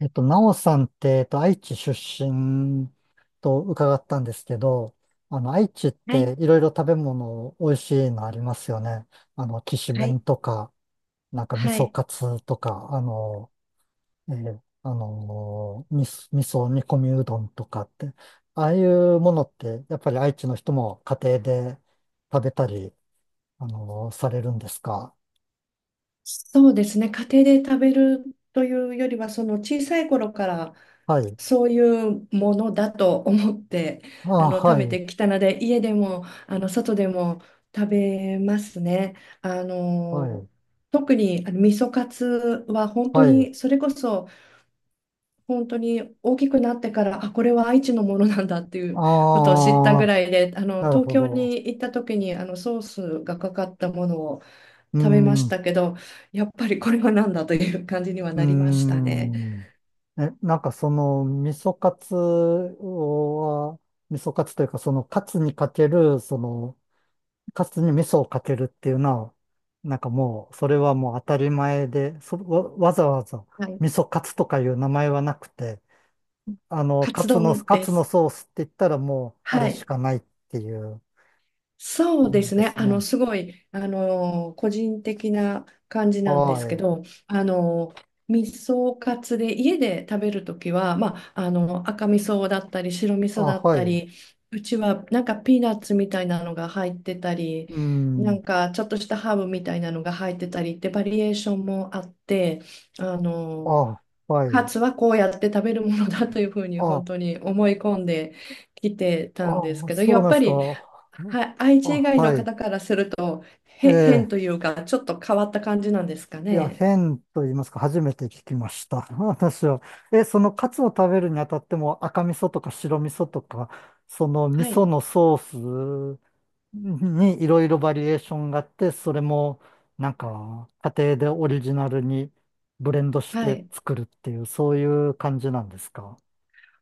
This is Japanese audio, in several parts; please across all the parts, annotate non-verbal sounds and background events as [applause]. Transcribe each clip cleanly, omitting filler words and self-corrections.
なおさんって、愛知出身と伺ったんですけど、あの、愛知っはい、ていろいろ食べ物美味しいのありますよね。あの、きしめはんい、とか、なんか味は噌い。カツとか、あの、えーあのー、み味噌煮込みうどんとかって、ああいうものって、やっぱり愛知の人も家庭で食べたり、されるんですか？そうですね。家庭で食べるというよりは、その小さい頃からはい。そういうものだと思ってああ、は食べい、てきたので、家でも外でも食べますね。あはのい、特に味噌カツは本当はい。にそれこそ本当に大きくなってからこれは愛知のものなんだっていうこあとを知ったぐあ、らいでなる東ほ京ど。に行った時にソースがかかったものをうー食べまん、しうたけど、やっぱりこれは何だという感じにはなりましーたね。ん。え、なんかその、味噌カツは、味噌カツというか、そのカツにかける、その、カツに味噌をかけるっていうのは、なんかもう、それはもう当たり前で、わざわざはい。味噌カツとかいう名前はなくて、あの、カツ丼カでツのす。ソースって言ったらもう、あはれしい。かないっていうそう感でじすでね。すね。すごい、個人的な感じなんではすけい。ど、味噌カツで家で食べるときは、赤味噌だったり白味噌あ、だっはい。たうり、うちはなんかピーナッツみたいなのが入ってたり、なん。んかちょっとしたハーブみたいなのが入ってたりってバリエーションもあって、あのあ、はカい。ツはこうやって食べるものだというふうに本あ、当に思い込んできてたんですああ、けど、そやうっなんでぱすりか。は愛知以あ、外のはい。方からするとえ変え、というか、ちょっと変わった感じなんですかいや、ね。変と言いますか、初めて聞きました。[laughs] 私は。え、そのカツを食べるにあたっても赤味噌とか白味噌とか、その味は噌い、のソースにいろいろバリエーションがあって、それもなんか家庭でオリジナルにブレンドしはてい。作るっていう、そういう感じなんですか？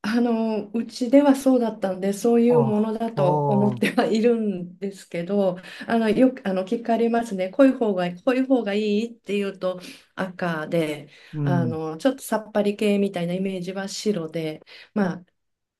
うちではそうだったんで、そういうもあ、のだあと思っあ、てはいるんですけど、よく、聞かれますね。濃い方がいいっていうと赤で、うん。ちょっとさっぱり系みたいなイメージは白で、まあ、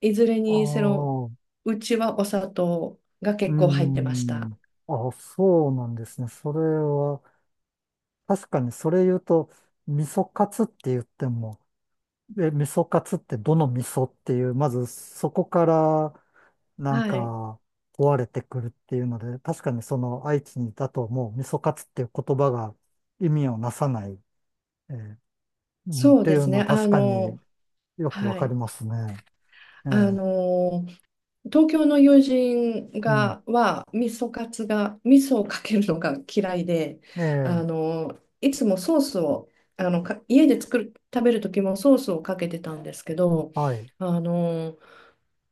いずれあにせよ、あ。うちはお砂糖がうー結構入ってました。ん。あ、そうなんですね。それは、確かにそれ言うと、味噌カツって言っても、え、味噌カツってどの味噌っていう、まずそこから、なんはい。か、壊れてくるっていうので、確かにその愛知にいたともう味噌カツっていう言葉が意味をなさない、えーうんっそうてでいうすのね。は確かによくわはかりい。ますね。えあーの、東京の友人うん。がは味噌カツが味噌をかけるのが嫌いで、えーいつもソースを、あのか家で食べる時もソースをかけてたんですけど、はい。あの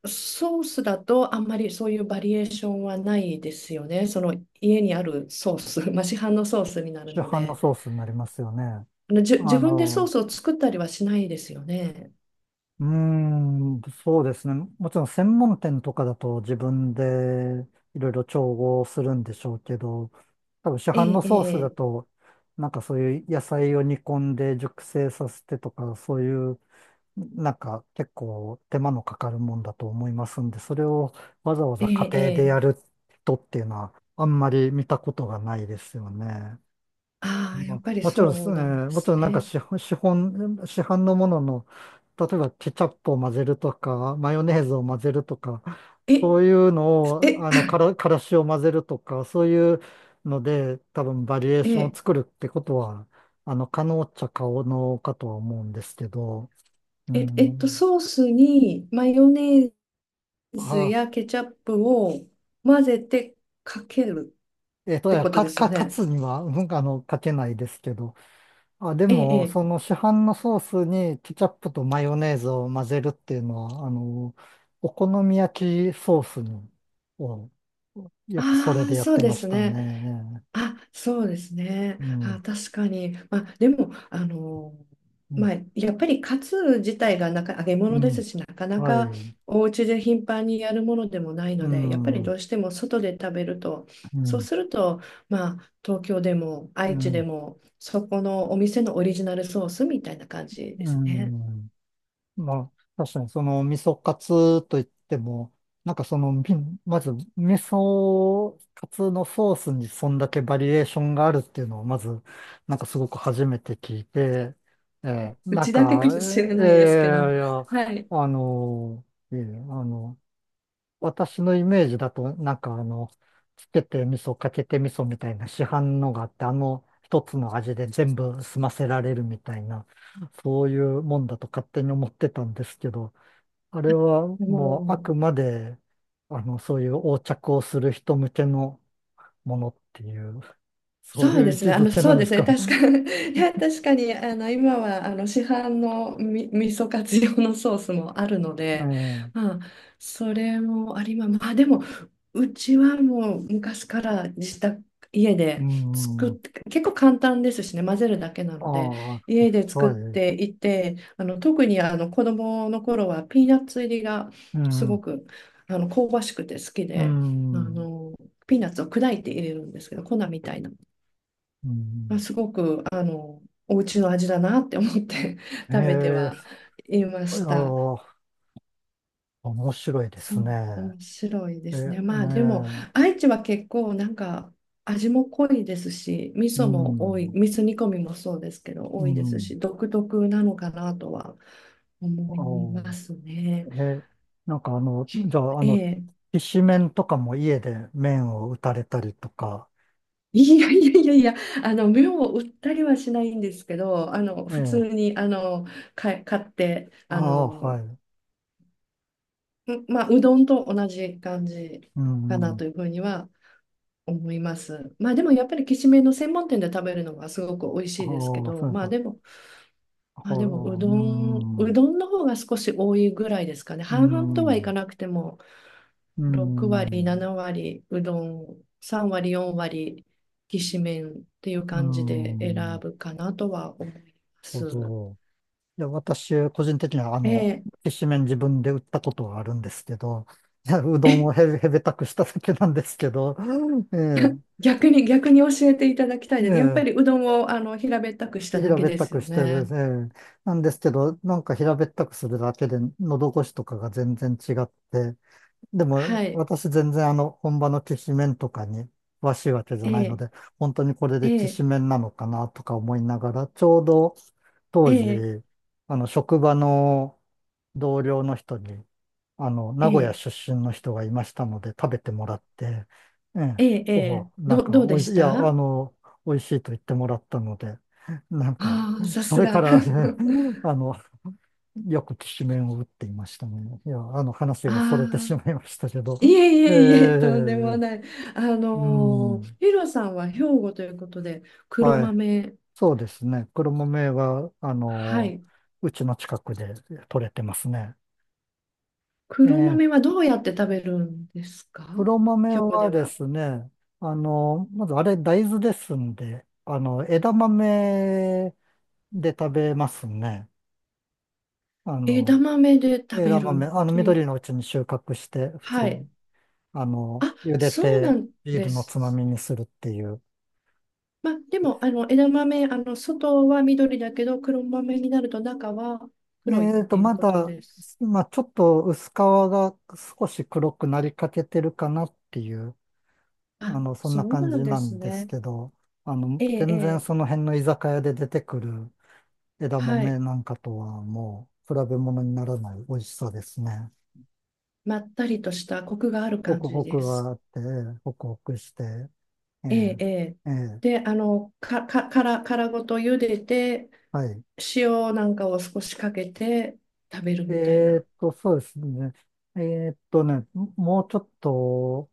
ソースだとあんまりそういうバリエーションはないですよね、その家にあるソース、[laughs] まあ、市販のソースになる市の販ので、ソースになりますよね。あのじゅあ自分でソーの、スを作ったりはしないですよね。うーん、そうですね。もちろん専門店とかだと自分でいろいろ調合するんでしょうけど、多分市販えのソースだえ、ええ、と、なんかそういう野菜を煮込んで熟成させてとか、そういう、なんか結構手間のかかるもんだと思いますんで、それをわざわえざ家え、庭でえやえ、る人っていうのはあんまり見たことがないですよね。ああ、ーやまっぱあ、りもちろんですそうね、なんでもちすろんなんかね。市販のものの、例えばケチャップを混ぜるとか、マヨネーズを混ぜるとか、えそういうのを、あの、え、からからしを混ぜるとか、そういうので、多分バリエー [laughs] ションをえ、作るってことは、あの、可能っちゃ可能かとは思うんですけど、うん。ソースにマヨネーズあ、やケチャップを混ぜてかけるっいてやことか、ですか、よ勝ね。つには、うん、あの、かけないですけど、あ、でええ、えも、え。その市販のソースにケチャップとマヨネーズを混ぜるっていうのは、あの、お好み焼きソースに、を、よくそれあであ、やっそうてでましすたね。ね。あ、そうですね。うあ、ん、確かに。まあ、でも、あの、うん、まあ、やっぱりカツ自体が揚げう物ですん、し、なかなはかい、お家で頻繁にやるものでもないうので、やっぱん、うりどん、うしても外で食べると、そうすると、まあ、東京でもう愛知でん、も、そこのお店のオリジナルソースみたいな感じでうすね。ん。まあ、確かにその味噌カツといっても、なんかその、み [laughs] まず味噌カツのソースにそんだけバリエーションがあるっていうのをまず、なんかすごく初めて聞いて、うなんちだけかか、もしれないですけど、いや、はい。あの、いえあの、私のイメージだと、なんかあの、つけて味噌、かけて味噌みたいな市販のがあって、あの一つの味で全部済ませられるみたいな、そういうもんだと勝手に思ってたんですけど、あれはももうあうくまで、あの、そういう横着をする人向けのものっていう、そうそういうで位す置ね。づけなそうんでですすね。か確かね？に、[laughs] いや、確かに、あの、今は、あの、市販の味噌カツ用のソースもあるので、ま [laughs] あ、それもありま、まあ、でも、うちはもう昔から家うでん。作うっん。て、結構簡単ですしね、混ぜるだけなあので、家であ、作っはい。ていて、特に、子供の頃はピーナッツ入りがうすごん。く、香ばしくて好きうで、あん。の、ピーナッツを砕いて入れるんですけど、粉みたいな。うまあ、ん。すごく、お家の味だなって思って [laughs] 食べてえはえ、いまあした。あ。面白いでそすう、ね。面白いでえ、すね。まねあでも、え、愛知は結構なんか味も濃いですし、味う噌も多い、ん、味噌煮込みもそうですけど、う多いですん。し、独特なのかなとは思いまあすね。え、なんかあの、じゃあ、あえの、え、きしめんとかも家で麺を打たれたりとか、いやいやいやいや、目を売ったりはしないんですけど、え普え、通に、買って、ああ、はい、まあ、うどんと同じ感じうかなん、というふうには思います。まあでもやっぱりきしめんの専門店で食べるのがすごく美味あしあ、いですけど、そういうまあか、でも、ああ、ううん、どんの方が少し多いぐらいですかね。う半々とはいかん、なくても、う6割、ん、7割うどん、3割、4割きしめんっていうう感じで選ん、ぶかなとは思いまなるす。ほど。いや、私、個人的には、あの、えきしめん自分で売ったことはあるんですけど、いや、うどんをえ、 へ、へべたくしただけなんですけど、[laughs] ええ、[laughs] 逆に教えていただきたいえです。やっぱえ、りうどんを平べったくしただ平けべっでたすくよして、えね。え、なんですけど、なんか平べったくするだけで、喉越しとかが全然違って、でも、はい。私全然あの、本場のきしめんとかに詳しいわけじゃえないのえ、で、本当にこれえできえ、しめんなのかなとか思いながら、ちょうどえ当時、え、あの、職場の同僚の人に、あの、え名古屋え、出身の人がいましたので食べてもらって、ええ、ええ、おなんど、か、どうおでいししい、いや、あた？の、美味しいと言ってもらったので、なんか、ああ、さそすれかが。ら [laughs] [laughs] あの、よくきしめんを打っていましたね。いや、あの話がそれてあしあ、まいましたけど。いええいえ、とえ、んでもない。あうの、ーん、ヒロさんは兵庫ということで、黒はい、豆、そうですね。黒豆は、あはの、い。うちの近くで取れてますね。黒え豆えはどうやって食べるんですか、黒豆兵庫ではでは。すね、あの、まずあれ大豆ですんで、あの、枝豆で食べますね。あ枝の、豆で食べ枝豆、るあの、という。緑のうちに収穫して、普通はい。に、あの、あ、茹でそうなて、んビーでルのつます。みにするっていう。まあ、でも、あの、枝豆、あの、外は緑だけど、黒豆になると中はえ黒いっていうまことだ、です。まあ、ちょっと薄皮が少し黒くなりかけてるかなっていう、あ、あの、そんそなう感なじんでなすんですね。けど、あの、ええ、え全然え、その辺の居酒屋で出てくる枝はい。豆なんかとはもう比べ物にならない美味しさですね。まったりとしたコクがあるホ感クじホでクがす。あって、ええホクホクして、ええ、ええ、ええ。ええ、で、あの、か、か、殻、殻ごと茹でて、はい。塩なんかを少しかけて食べるみたいな。そうですね。えーっとね、もうちょっと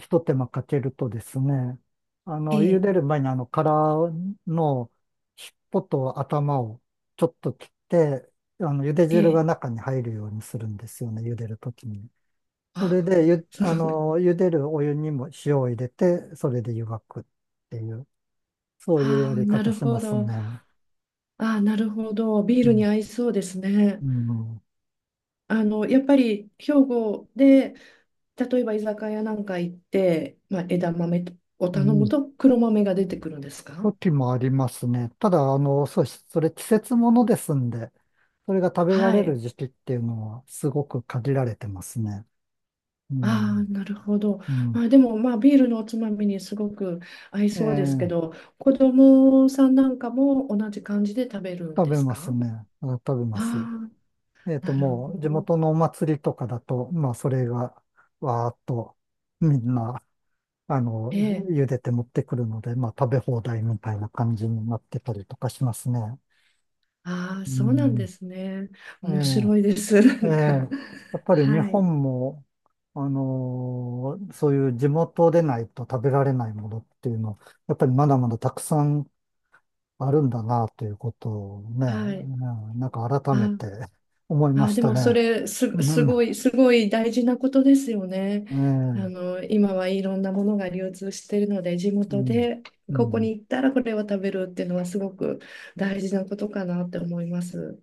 一手間かけるとですね、あえの、茹え、でる前にあの殻の尻尾と頭をちょっと切って、あの、茹でえ汁え。が中に入るようにするんですよね、茹でるときに。それあ、でゆ、そあう。の、茹でるお湯にも塩を入れて、それで湯がくっていう、[laughs] そういうあやあ、りな方るしまほすど。ね。ああ、なるほど。ビーうルにん。合いそうですね。うん。あの、やっぱり兵庫で、例えば居酒屋なんか行って、まあ、枝豆をう頼むん。と黒豆が出てくるんですか？時もありますね。ただ、あの、そうし、それ季節ものですんで、それが食べらはれるい。時期っていうのはすごく限られてますね。うああ、ん。なるほど。うん。まあ、でも、まあ、ビールのおつまみにすごく合いえそうですけえ、ど、子供さんなんかも同じ感じで食べるん食でべすますか？ね。あ食べます。ああ、なるもほう、地ど。元のお祭りとかだと、まあ、それが、わーっと、みんな、あの、ええ。茹でて持ってくるので、まあ食べ放題みたいな感じになってたりとかしますね。ああ、うそうなんでん。すね。面白いえです。[laughs] なえ、ええ。んか。やっぱり日はい。本も、そういう地元でないと食べられないものっていうの、やっぱりまだまだたくさんあるんだなということをね、はい。うんなんか改めあて思いまあ、しでたもそね。れす、うすん、えごい、すごい大事なことですよね。え、あうの、今はいろんなものが流通しているので、地元ん、でうここにん。行ったらこれを食べるっていうのはすごく大事なことかなって思います。